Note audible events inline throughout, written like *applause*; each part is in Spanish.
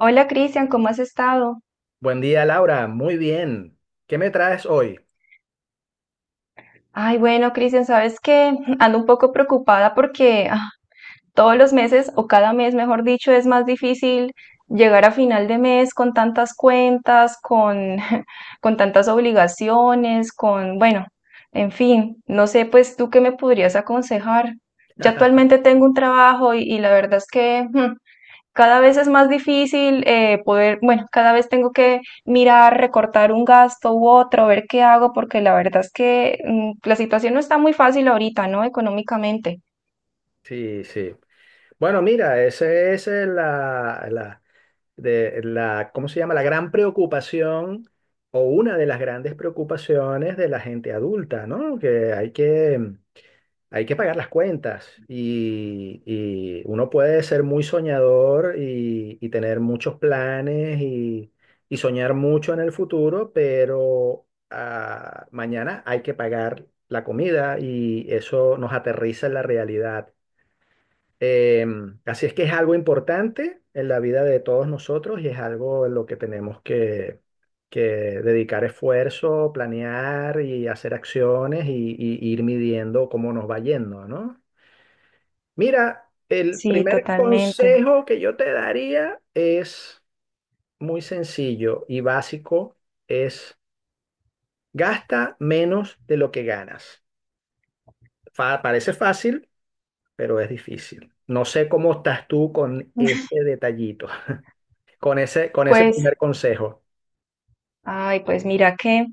Hola, Cristian, ¿cómo has estado? Buen día, Laura. Muy bien. ¿Qué me traes hoy? Ay, bueno, Cristian, sabes que *laughs* ando un poco preocupada porque todos los meses o cada mes, mejor dicho, es más difícil llegar a final de mes con tantas cuentas, *laughs* con tantas obligaciones, con, bueno, en fin, no sé, pues tú qué me podrías aconsejar. Yo actualmente tengo un trabajo y la verdad es que *laughs* cada vez es más difícil poder, bueno, cada vez tengo que mirar, recortar un gasto u otro, ver qué hago, porque la verdad es que la situación no está muy fácil ahorita, ¿no? Económicamente. Sí, sí. Bueno, mira, esa es la, ¿cómo se llama? La gran preocupación o una de las grandes preocupaciones de la gente adulta, ¿no? Hay que pagar las cuentas y uno puede ser muy soñador y tener muchos planes y soñar mucho en el futuro, pero mañana hay que pagar la comida y eso nos aterriza en la realidad. Así es que es algo importante en la vida de todos nosotros y es algo en lo que tenemos que dedicar esfuerzo, planear y hacer acciones y ir midiendo cómo nos va yendo, ¿no? Mira, el Sí, primer totalmente. consejo que yo te daría es muy sencillo y básico, es gasta menos de lo que ganas. Parece fácil, pero es difícil. No sé cómo estás tú con ese detallito, con ese Pues, primer consejo. ay, pues mira que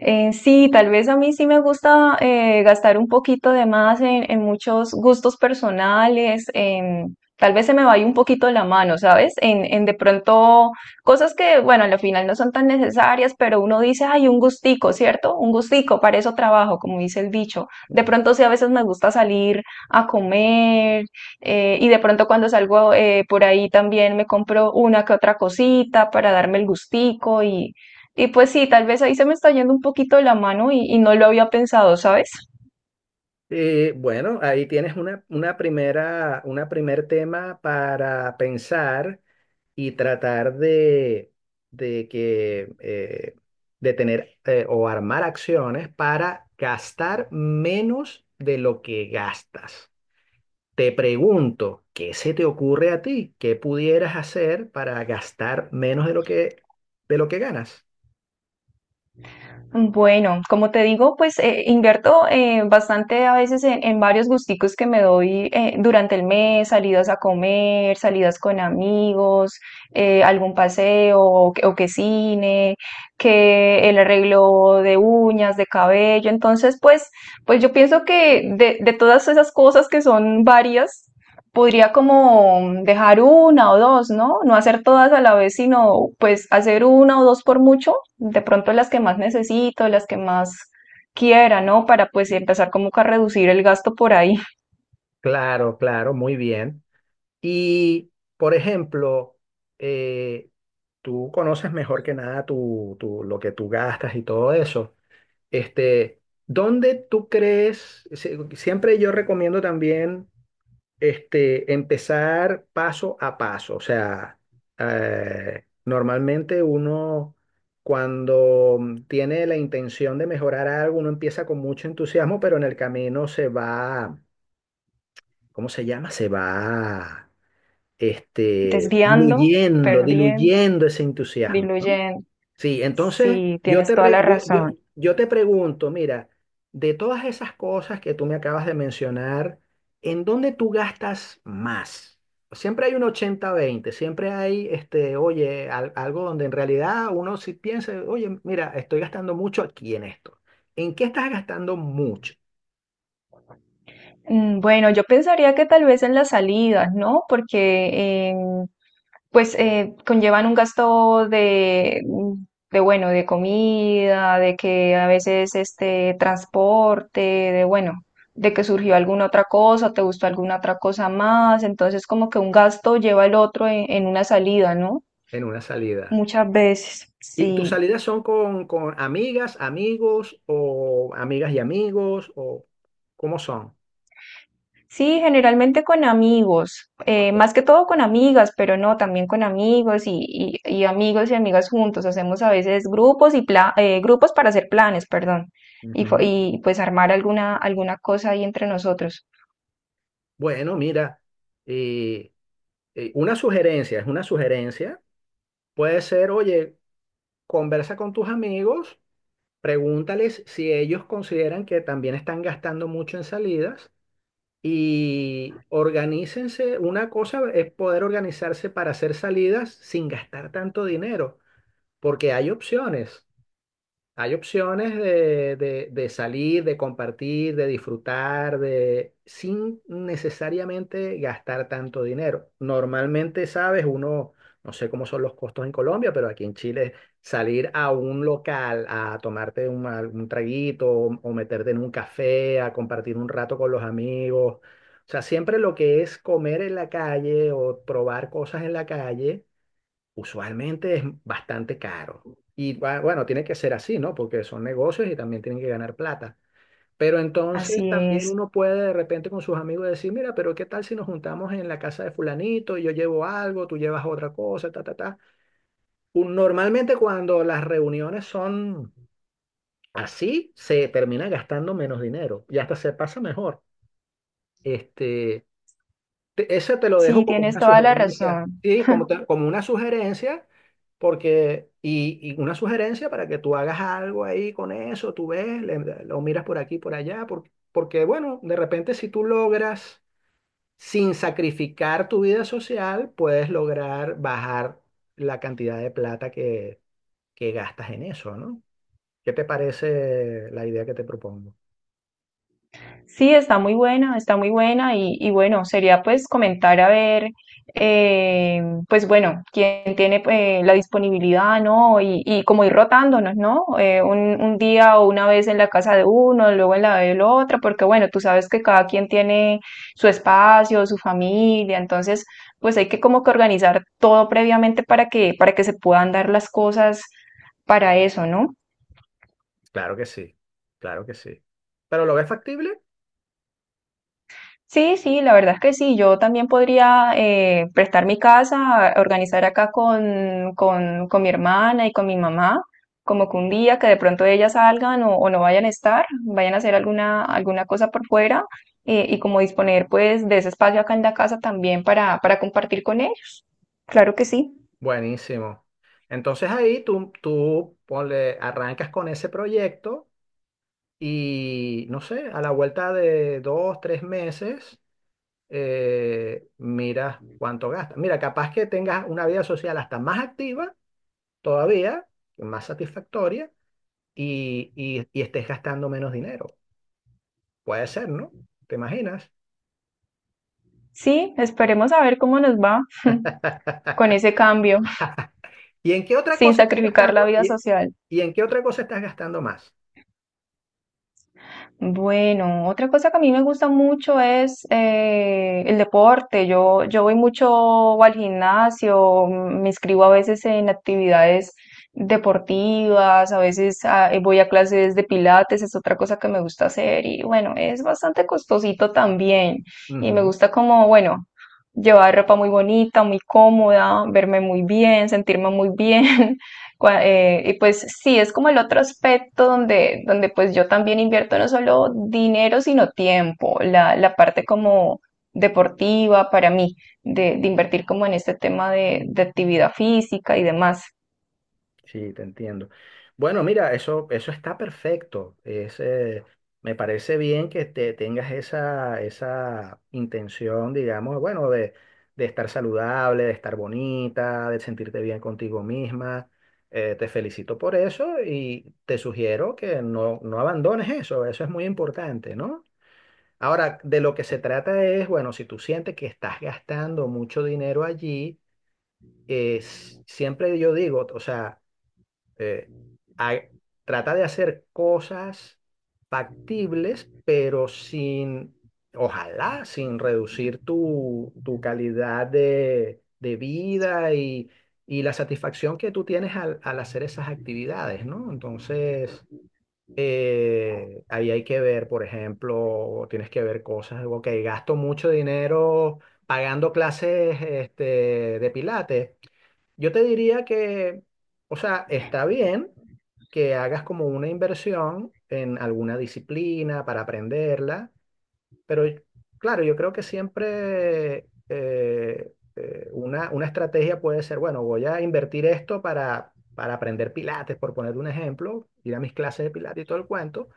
Sí, tal vez a mí sí me gusta gastar un poquito de más en muchos gustos personales, tal vez se me vaya un poquito la mano, ¿sabes? En de pronto cosas que, bueno, al final no son tan necesarias, pero uno dice, ay, un gustico, ¿cierto? Un gustico, para eso trabajo, como dice el dicho. De pronto sí, a veces me gusta salir a comer, y de pronto cuando salgo, por ahí también me compro una que otra cosita para darme el gustico, y pues sí, tal vez ahí se me está yendo un poquito de la mano y no lo había pensado, ¿sabes? Bueno, ahí tienes una primera, una primer tema para pensar y tratar de, de que, eh, de tener o armar acciones para gastar menos de lo que gastas. Te pregunto, ¿qué se te ocurre a ti? ¿Qué pudieras hacer para gastar menos de lo que ganas? Bueno, como te digo, pues invierto bastante a veces en varios gusticos que me doy durante el mes, salidas a comer, salidas con amigos, algún paseo o, que cine, que el arreglo de uñas, de cabello. Entonces, pues, pues yo pienso que de todas esas cosas que son varias, podría como dejar una o dos, ¿no? No hacer todas a la vez, sino pues hacer una o dos por mucho, de pronto las que más necesito, las que más quiera, ¿no? Para pues empezar como que a reducir el gasto por ahí. *laughs* Claro, claro, muy bien. Y, por ejemplo, eh, tú conoces mejor que nada lo que tú gastas y todo eso. Este, ¿Dónde tú crees? Siempre yo recomiendo también empezar paso a paso. O sea, normalmente uno cuando tiene la intención de mejorar algo, uno empieza con mucho entusiasmo, pero en el camino se va, ¿cómo se llama? Se va Desviando, diluyendo, perdiendo, diluyendo ese entusiasmo, ¿no? diluyendo. Sí, entonces Sí, yo tienes te, toda re- la yo- razón. yo te pregunto, mira, de todas esas cosas que tú me acabas de mencionar, ¿en dónde tú gastas más? Siempre hay un ochenta veinte, siempre hay, oye, algo donde en realidad uno sí piensa, oye, mira, estoy gastando mucho aquí en esto. ¿En qué estás gastando mucho Bueno, yo pensaría que tal vez en las salidas, ¿no? Porque pues conllevan un gasto de, de, bueno, de comida, de que a veces este transporte, de bueno, de que surgió alguna otra cosa, te gustó alguna otra cosa más, entonces como que un gasto lleva el otro en una salida, ¿no? en una salida? Muchas veces. ¿Y tus Sí. salidas son con amigas, amigos o amigas y amigos o cómo son? Sí, generalmente con amigos, Bueno, más que todo con amigas, pero no, también con amigos y amigos y amigas juntos. Hacemos a veces grupos y grupos para hacer planes, perdón, y, fo- ujú. y pues armar alguna, alguna cosa ahí entre nosotros. Bueno, mira, eh, una sugerencia, es una sugerencia. Puede ser, oye, conversa con tus amigos, pregúntales si ellos consideran que también están gastando mucho en salidas y organícense. Una cosa es poder organizarse para hacer salidas sin gastar tanto dinero, porque hay opciones. Hay opciones de salir, de compartir, de disfrutar, de, sin necesariamente gastar tanto dinero. Normalmente, sabes, uno, no sé cómo son los costos en Colombia, pero aquí en Chile, salir a un local a tomarte un, algún traguito o meterte en un café, a compartir un rato con los amigos. O sea, siempre lo que es comer en la calle o probar cosas en la calle usualmente es bastante caro. Y bueno, tiene que ser así, ¿no? Porque son negocios y también tienen que ganar plata. Pero entonces Así también es. uno puede de repente con sus amigos decir, mira, pero ¿qué tal si nos juntamos en la casa de fulanito? Yo llevo algo, tú llevas otra cosa, ta, ta, ta. Normalmente cuando las reuniones son así, se termina gastando menos dinero y hasta se pasa mejor. Este, Ese te lo Sí, dejo como tienes una toda la sugerencia, razón. sí, como una sugerencia, porque una sugerencia para que tú hagas algo ahí con eso, tú ves, lo miras por aquí, por allá, porque, bueno, de repente si tú logras, sin sacrificar tu vida social, puedes lograr bajar la cantidad de plata que gastas en eso, ¿no? ¿Qué te parece la idea que te propongo? Sí, está muy buena y bueno, sería pues comentar a ver, eh, pues bueno, quién tiene la disponibilidad, ¿no? Y como ir rotándonos, ¿no? Un día o una vez en la casa de uno, luego en la de la otra, porque bueno, tú sabes que cada quien tiene su espacio, su familia, entonces pues hay que como que organizar todo previamente para que se puedan dar las cosas para eso, ¿no? Claro que sí, claro que sí. ¿Pero lo ves factible? Sí, la verdad es que sí. Yo también podría prestar mi casa, organizar acá con mi hermana y con mi mamá, como que un día que de pronto ellas salgan o no vayan a estar, vayan a hacer alguna, alguna cosa por fuera, y como disponer pues de ese espacio acá en la casa también para compartir con ellos. Claro que sí. Buenísimo. Entonces ahí tú ponle, arrancas con ese proyecto y, no sé, a la vuelta de dos, tres meses, miras cuánto gastas. Mira, capaz que tengas una vida social hasta más activa todavía, más satisfactoria, y estés gastando menos dinero. Puede ser, ¿no? ¿Te imaginas? Sí, esperemos a ver cómo nos va con *laughs* ese cambio, *laughs* ¿Y en qué otra sin cosa estás sacrificar la gastando? vida ¿Y, social. y en qué otra cosa estás gastando más? Bueno, otra cosa que a mí me gusta mucho es, el deporte. Yo voy mucho al gimnasio, me inscribo a veces en actividades deportivas, a veces voy a clases de Pilates, es otra cosa que me gusta hacer y bueno, es bastante costosito también. Y me gusta como, bueno, llevar ropa muy bonita, muy cómoda, verme muy bien, sentirme muy bien. *laughs* Y pues sí, es como el otro aspecto donde, donde pues yo también invierto no solo dinero, sino tiempo, la parte como deportiva para mí, de invertir como en este tema de actividad física y demás. Sí, te entiendo. Bueno, mira, eso está perfecto. Es, me parece bien que te tengas esa intención, digamos, bueno, de estar saludable, de estar bonita, de sentirte bien contigo misma. Te felicito por eso y te sugiero que no, no abandones eso. Eso es muy importante, ¿no? Ahora, de lo que se trata es, bueno, si tú sientes que estás gastando mucho dinero allí, siempre yo digo, o sea eh, a- trata de hacer cosas factibles, pero sin, ojalá, sin reducir tu calidad de vida y la satisfacción que tú tienes al hacer esas actividades, ¿no? Entonces, ahí hay que ver, por ejemplo, tienes que ver cosas, ok, gasto mucho dinero pagando clases de pilates. Yo te diría que, o sea, está bien que hagas como una inversión en alguna disciplina para aprenderla, pero claro, yo creo que siempre una estrategia puede ser, bueno, voy a invertir esto para aprender Pilates, por poner un ejemplo, ir a mis clases de Pilates y todo el cuento,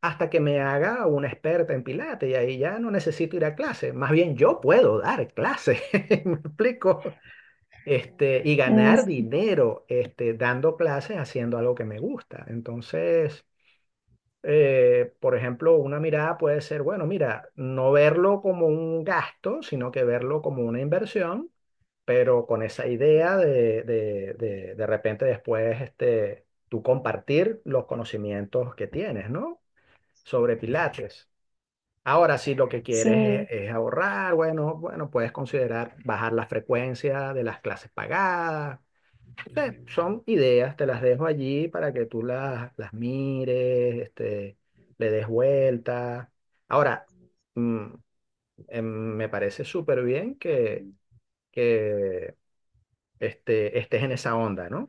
hasta que me haga una experta en Pilates y ahí ya no necesito ir a clase, más bien yo puedo dar clase, *laughs* ¿me explico? Y Mm, ganar dinero dando clases haciendo algo que me gusta. Entonces, por ejemplo, una mirada puede ser, bueno, mira, no verlo como un gasto, sino que verlo como una inversión, pero con esa idea de repente después tú compartir los conocimientos que tienes, ¿no? Sobre Pilates. Ahora, si lo que quieres sí. Es ahorrar, bueno, bueno, puedes considerar bajar la frecuencia de las clases pagadas. Sí, son ideas, te las dejo allí para que las mires, le des vuelta. Ahora, mm, em, me parece súper bien que estés en esa onda, ¿no?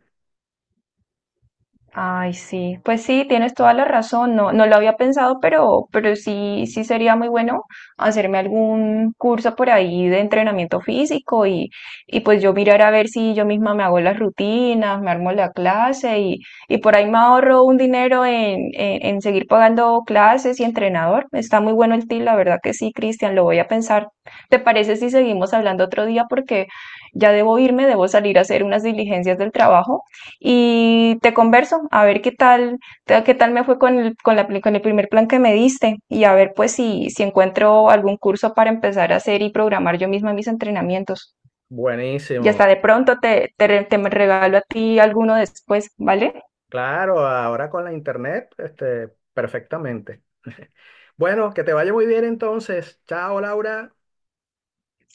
Ay, sí, pues sí, tienes toda la razón, no, no lo había pensado, pero sí, sí sería muy bueno hacerme algún curso por ahí de entrenamiento físico, y pues yo mirar a ver si yo misma me hago las rutinas, me armo la clase y por ahí me ahorro un dinero en seguir pagando clases y entrenador. Está muy bueno el tip, la verdad que sí, Cristian, lo voy a pensar. ¿Te parece si seguimos hablando otro día? Porque ya debo irme, debo salir a hacer unas diligencias del trabajo y te converso a ver qué tal, qué tal me fue con el, con la, con el primer plan que me diste y a ver pues si encuentro algún curso para empezar a hacer y programar yo misma mis entrenamientos. Y hasta Buenísimo. de pronto te me regalo a ti alguno después, ¿vale? Claro, ahora con la internet, perfectamente. *laughs* Bueno, que te vaya muy bien entonces. Chao, Laura.